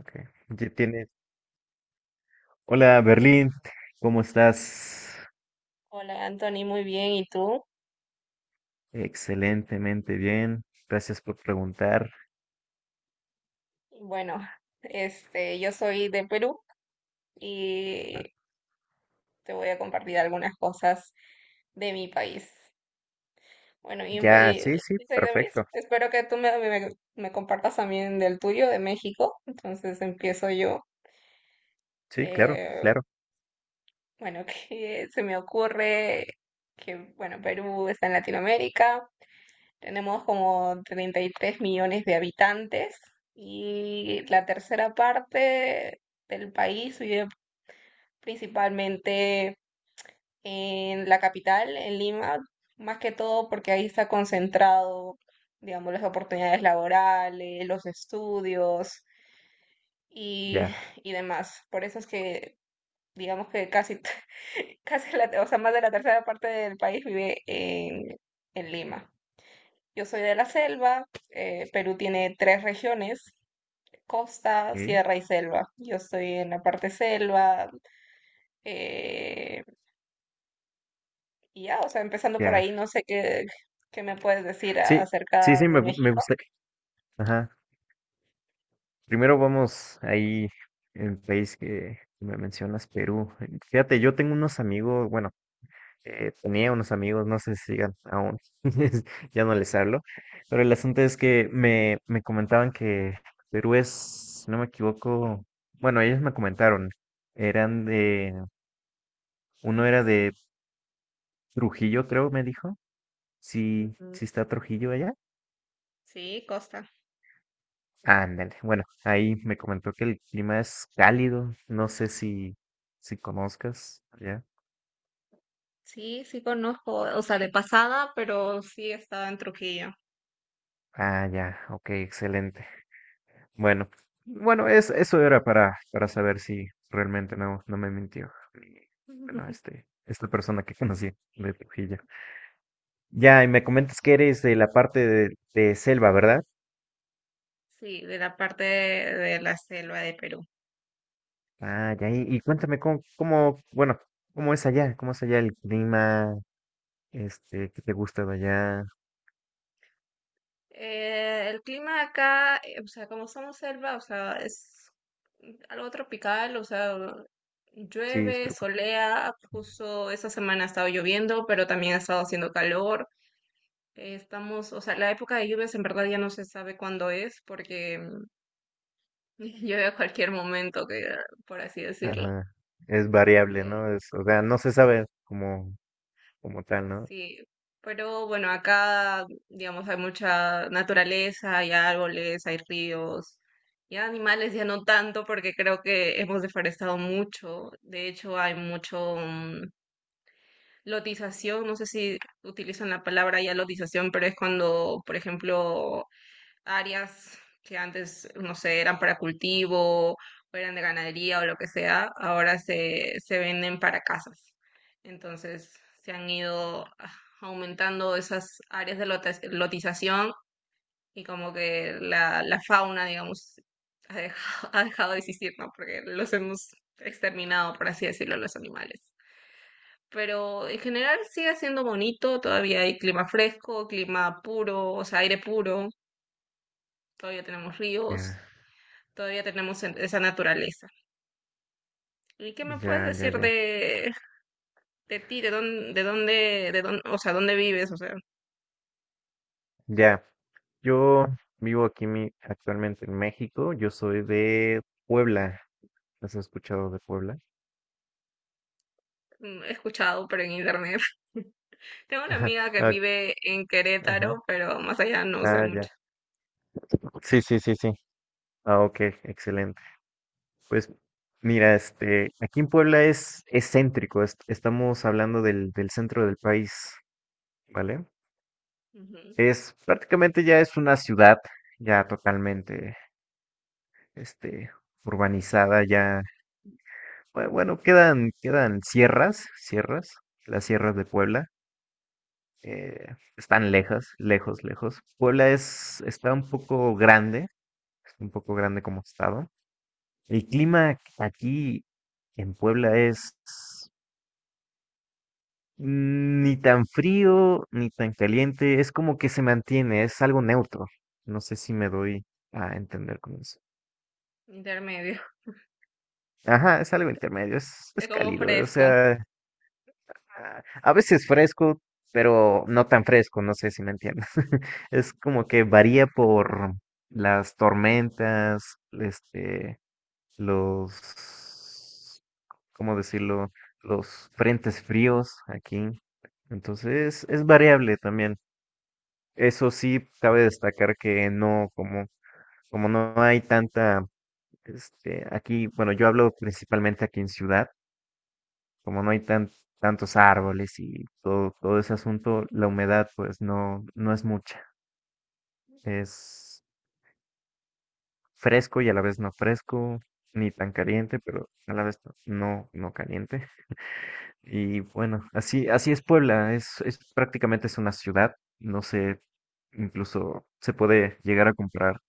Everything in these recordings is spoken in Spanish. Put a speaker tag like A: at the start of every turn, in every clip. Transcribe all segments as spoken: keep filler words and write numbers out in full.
A: Ok. Ya tienes. Hola, Berlín, ¿cómo estás?
B: Hola Anthony, muy bien. ¿Y tú?
A: Excelentemente bien. Gracias por preguntar.
B: Bueno, este, yo soy de Perú y te voy a compartir algunas cosas de mi país. Bueno, y,
A: Ya, sí,
B: empe-
A: sí,
B: y también
A: perfecto.
B: espero que tú me, me- me compartas también del tuyo, de México. Entonces empiezo yo.
A: Sí, claro,
B: Eh,
A: claro.
B: bueno, que se me ocurre que, bueno, Perú está en Latinoamérica. Tenemos como treinta y tres millones de habitantes y la tercera parte del país vive principalmente en la capital, en Lima, más que todo porque ahí está concentrado, digamos, las oportunidades laborales, los estudios y,
A: Ya.
B: y demás. Por eso es que, digamos que casi, casi la, o sea, más de la tercera parte del país vive en, en Lima. Yo soy de la selva. eh, Perú tiene tres regiones: costa,
A: Ok,
B: sierra y selva. Yo estoy en la parte selva, eh, y ya, o sea, empezando por
A: ya.
B: ahí, no sé qué, qué me puedes decir a-
A: Sí, sí,
B: acerca
A: sí, me,
B: de
A: gu- me
B: México.
A: gusta. Ajá. Primero vamos ahí, el país que me mencionas, Perú. Fíjate, yo tengo unos amigos, bueno, Eh, tenía unos amigos, no sé si sigan aún, ya no les hablo, pero el asunto es que me, me comentaban que Perú es, si no me equivoco, bueno, ellos me comentaron, eran de, uno era de Trujillo, creo, me dijo, sí,
B: Ujú.
A: sí está Trujillo allá.
B: Sí, costa.
A: Ándale, bueno, ahí me comentó que el clima es cálido, no sé si, si conozcas allá.
B: Sí, sí conozco, o sea, de pasada, pero sí estaba en Trujillo.
A: Ah, ya, ok, excelente. Bueno, bueno, es, eso era para, para saber si realmente no, no me mintió. mi- Bueno, este, esta persona que conocí de Trujillo. Ya, y me comentas que eres de la parte de, de selva, ¿verdad?
B: Sí, de la parte de la selva de Perú.
A: Ah, ya, y, y cuéntame cómo, cómo, bueno, cómo es allá, cómo es allá el clima, este, qué te gusta de allá.
B: Eh, el clima acá, eh, o sea, como somos selva, o sea, es algo tropical, o sea,
A: Sí, es
B: llueve,
A: tropical.
B: solea, justo esta semana ha estado lloviendo, pero también ha estado haciendo calor. Eh, estamos, o sea, la época de lluvias en verdad ya no se sabe cuándo es, porque mm, llueve a cualquier momento, que, por así decirlo.
A: Ajá. Es variable, ¿no? Es, o sea, no se sabe como, como tal, ¿no?
B: Sí, pero bueno, acá, digamos, hay mucha naturaleza, hay árboles, hay ríos, y animales ya no tanto porque creo que hemos deforestado mucho. De hecho, hay mucho mm, lotización, no sé si utilizan la palabra ya lotización, pero es cuando, por ejemplo, áreas que antes, no sé, eran para cultivo, o eran de ganadería o lo que sea, ahora se, se venden para casas. Entonces se han ido ah, aumentando esas áreas de lota- lotización y como que la, la fauna, digamos, ha dejado, ha dejado de existir, ¿no? Porque los hemos exterminado, por así decirlo, los animales. Pero en general sigue siendo bonito, todavía hay clima fresco, clima puro, o sea, aire puro, todavía tenemos
A: Ya,
B: ríos. Todavía tenemos en- esa naturaleza. ¿Y qué me
A: ya,
B: puedes
A: ya,
B: decir
A: ya.
B: de, de ti? ¿De dónde, de dónde, de dónde, o sea, dónde vives? O sea,
A: Ya, yo vivo aquí mi- actualmente en México, yo soy de Puebla, ¿has escuchado de Puebla?
B: mm, he escuchado, pero en internet. Tengo una amiga que
A: Ah,
B: vive en
A: ajá,
B: Querétaro, pero más allá no sé
A: ah, ya.
B: mucho.
A: Sí, sí, sí, sí. Ah, ok, excelente. Pues mira, este, aquí en Puebla es excéntrico, estamos hablando del, del centro del país, ¿vale?
B: Ujú.
A: Es prácticamente ya es una ciudad ya totalmente, este, urbanizada, ya, bu- bueno, quedan, quedan sierras, sierras, las sierras de Puebla, eh, están lejos, lejos, lejos. Puebla es, está un poco grande, es un poco grande como estado. El clima aquí en Puebla es ni tan frío ni tan caliente, es como que se mantiene, es algo neutro. No sé si me doy a entender con eso.
B: Intermedio.
A: Ajá, es algo intermedio, es, es
B: Es como
A: cálido, o
B: fresco.
A: sea, ah, a veces fresco, pero no tan fresco, no sé si me entiendes. Es como que varía por las tormentas, este, los, ¿cómo decirlo? Los frentes fríos aquí. Entonces es variable también. Eso sí, cabe destacar que no, como, como no hay tanta, este, aquí, bueno, yo hablo principalmente aquí en ciudad, como no hay tan- tantos árboles y todo, todo ese asunto, la humedad pues no, no es mucha. Es fresco y a la vez no fresco, ni tan caliente, pero a la vez no, no caliente. Y bueno, así, así es Puebla, es, es prácticamente es una ciudad, no sé, incluso se puede llegar a comprar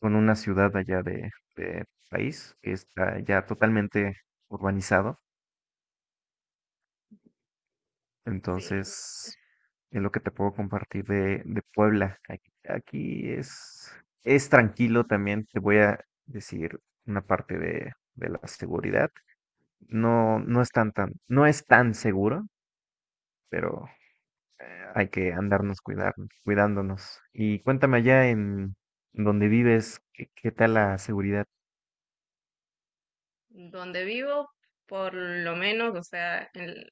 A: con una ciudad allá de, de país que está ya totalmente urbanizado.
B: Sí,
A: Entonces, es lo que te puedo compartir de, de Puebla. Aquí, aquí es, es tranquilo también. Te voy a decir una parte de, de la seguridad. No, no es tan, tan, no es tan seguro, pero hay que andarnos cuidar- cuidándonos. Y cuéntame allá en donde vives, ¿qué, qué tal la seguridad
B: donde vivo, por lo menos, o sea, en-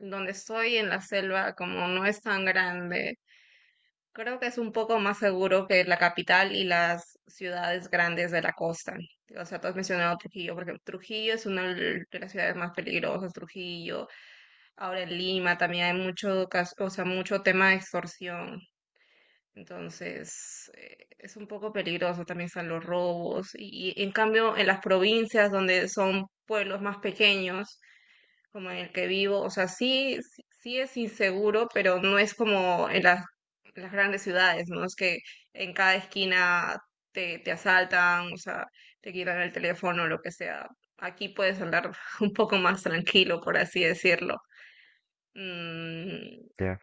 B: donde estoy en la selva, como no es tan grande, creo que es un poco más seguro que la capital y las ciudades grandes de la costa. O sea, tú has mencionado Trujillo, porque Trujillo es una de las ciudades más peligrosas, Trujillo. Ahora en Lima también hay mucho, cas- o sea, mucho tema de extorsión. Entonces, eh, es un poco peligroso, también están los robos. Y y en cambio, en las provincias donde son pueblos más pequeños, como en el que vivo, o sea, sí, sí sí es inseguro, pero no es como en las, en las grandes ciudades, ¿no? Es que en cada esquina te, te asaltan, o sea, te quitan el teléfono, lo que sea. Aquí puedes andar un poco más tranquilo, por así decirlo. Mm,
A: ya?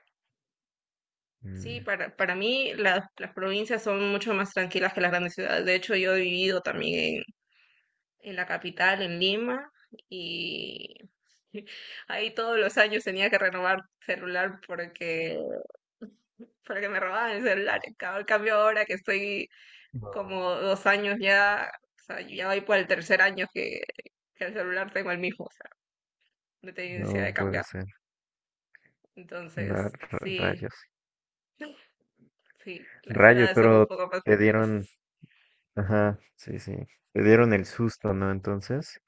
A: Mm,
B: sí, para, para mí la- las provincias son mucho más tranquilas que las grandes ciudades. De hecho, yo he vivido también en la capital, en Lima, y ahí todos los años tenía que renovar celular porque, porque me robaban el celular. En ca- en cambio, ahora que estoy
A: no,
B: como dos años ya, o sea, yo ya voy por el tercer año que, que el celular tengo el mismo, o sea, no tengo necesidad
A: no
B: de
A: puede
B: cambiar.
A: ser. No,
B: Entonces,
A: ra-
B: sí,
A: rayos.
B: sí, las
A: Rayos,
B: ciudades son un
A: pero
B: poco más
A: te dieron,
B: peligrosas.
A: ajá, sí, sí. Te dieron el susto, ¿no? Entonces.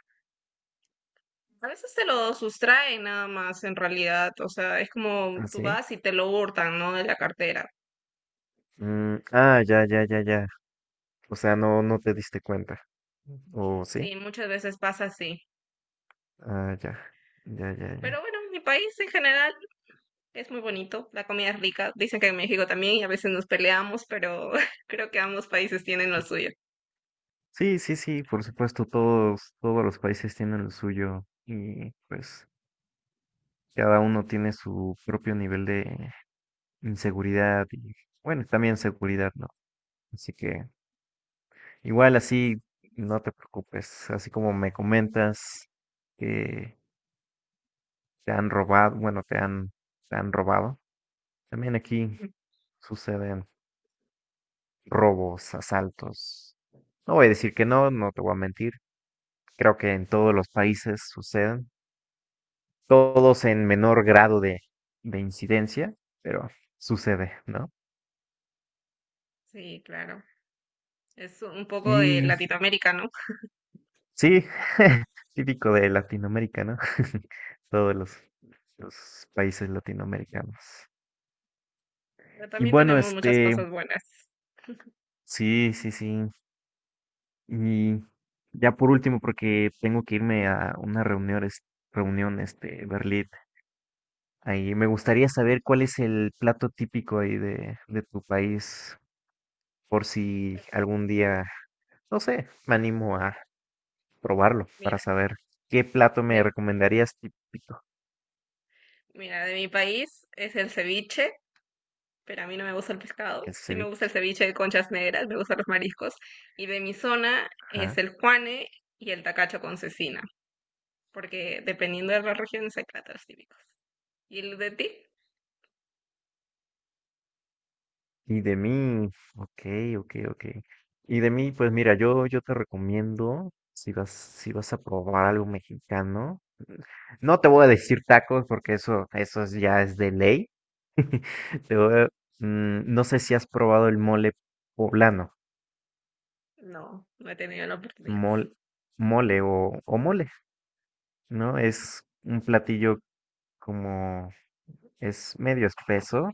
B: A veces te lo sustraen nada más en realidad, o sea, es como
A: ¿Ah,
B: tú
A: sí?
B: vas y te lo hurtan, ¿no? De la cartera.
A: Mm, ah, ya, ya, ya, ya. O sea, no, no te diste cuenta. ¿O sí?
B: Sí, muchas veces pasa así.
A: Ah, ya. Ya, ya, ya.
B: Pero bueno, mi país en general es muy bonito, la comida es rica. Dicen que en México también y a veces nos peleamos, pero creo que ambos países tienen lo suyo.
A: Sí, sí, sí, por supuesto, todos, todos los países tienen lo suyo y pues cada uno tiene su propio nivel de inseguridad y bueno, también seguridad, ¿no? Así que igual así, no te preocupes, así como me comentas que se han robado, bueno, te han, se han robado. También aquí suceden robos, asaltos. No voy a decir que no, no te voy a mentir. Creo que en todos los países suceden, todos en menor grado de, de incidencia, pero sucede, ¿no?
B: Sí, claro. Es un poco de
A: Y
B: Latinoamérica, ¿no?
A: sí, típico de Latinoamérica, ¿no? Todos los, los países latinoamericanos.
B: Pero
A: Y
B: también
A: bueno,
B: tenemos muchas
A: este,
B: cosas buenas.
A: sí, sí, sí, y ya por último, porque tengo que irme a una reunión, es- reunión, este, Berlín. Ahí me gustaría saber cuál es el plato típico ahí de, de tu país, por si algún día, no sé, me animo a probarlo para
B: Mira,
A: saber qué plato me
B: de,
A: recomendarías típico.
B: mira, de mi país es el ceviche, pero a mí no me gusta el pescado.
A: El
B: Sí me gusta
A: ceviche.
B: el ceviche de conchas negras, me gustan los mariscos. Y de mi zona es
A: Ajá.
B: el juane y el tacacho con cecina, porque dependiendo de la región hay platos típicos. ¿Y el de ti?
A: Y de mí, ok, ok, ok. Y de mí, pues mira, yo, yo te recomiendo, si vas, si vas a probar algo mexicano, no te voy a decir tacos porque eso, eso es- ya es de ley. Te voy a- mm, no sé si has probado el mole poblano,
B: No, no he tenido la oportunidad.
A: mol- mole o, o mole, ¿no? Es un platillo como, es medio espeso,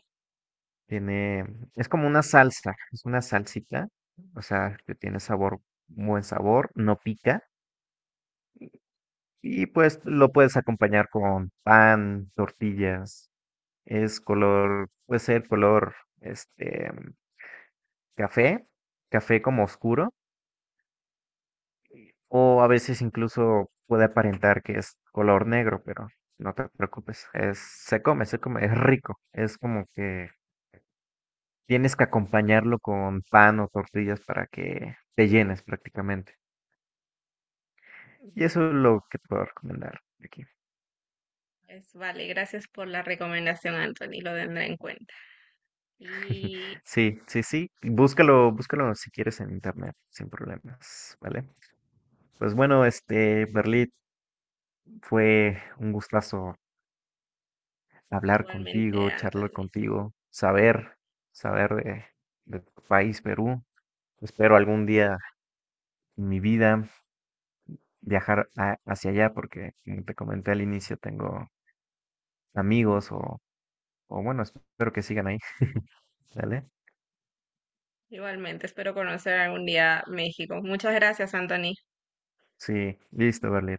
A: tiene, es como una salsa, es una salsita, o sea, que tiene sabor, buen sabor, no pica, y pues lo puedes acompañar con pan, tortillas, es color, puede ser color, este, café, café como oscuro, o a veces incluso puede aparentar que es color negro, pero no te preocupes, es, se come, se come, es rico, es como que tienes que acompañarlo con pan o tortillas para que te llenes prácticamente. Y
B: Ya.
A: eso es lo que te puedo recomendar aquí.
B: Pues vale, gracias por la recomendación, Anthony, lo tendré en cuenta. Y
A: Sí, sí, sí, búscalo, búscalo si quieres en internet, sin problemas, ¿vale? Pues bueno, este, Berlit, fue un gustazo hablar
B: igualmente,
A: contigo, charlar
B: Anthony,
A: contigo, saber, saber de, de tu país, Perú. Espero algún día en mi vida viajar a- hacia allá porque, como te comenté al inicio, tengo amigos o, o bueno, espero que sigan ahí, ¿vale?
B: igualmente, espero conocer algún día México. Muchas gracias, Anthony.
A: Sí, listo, Berlín.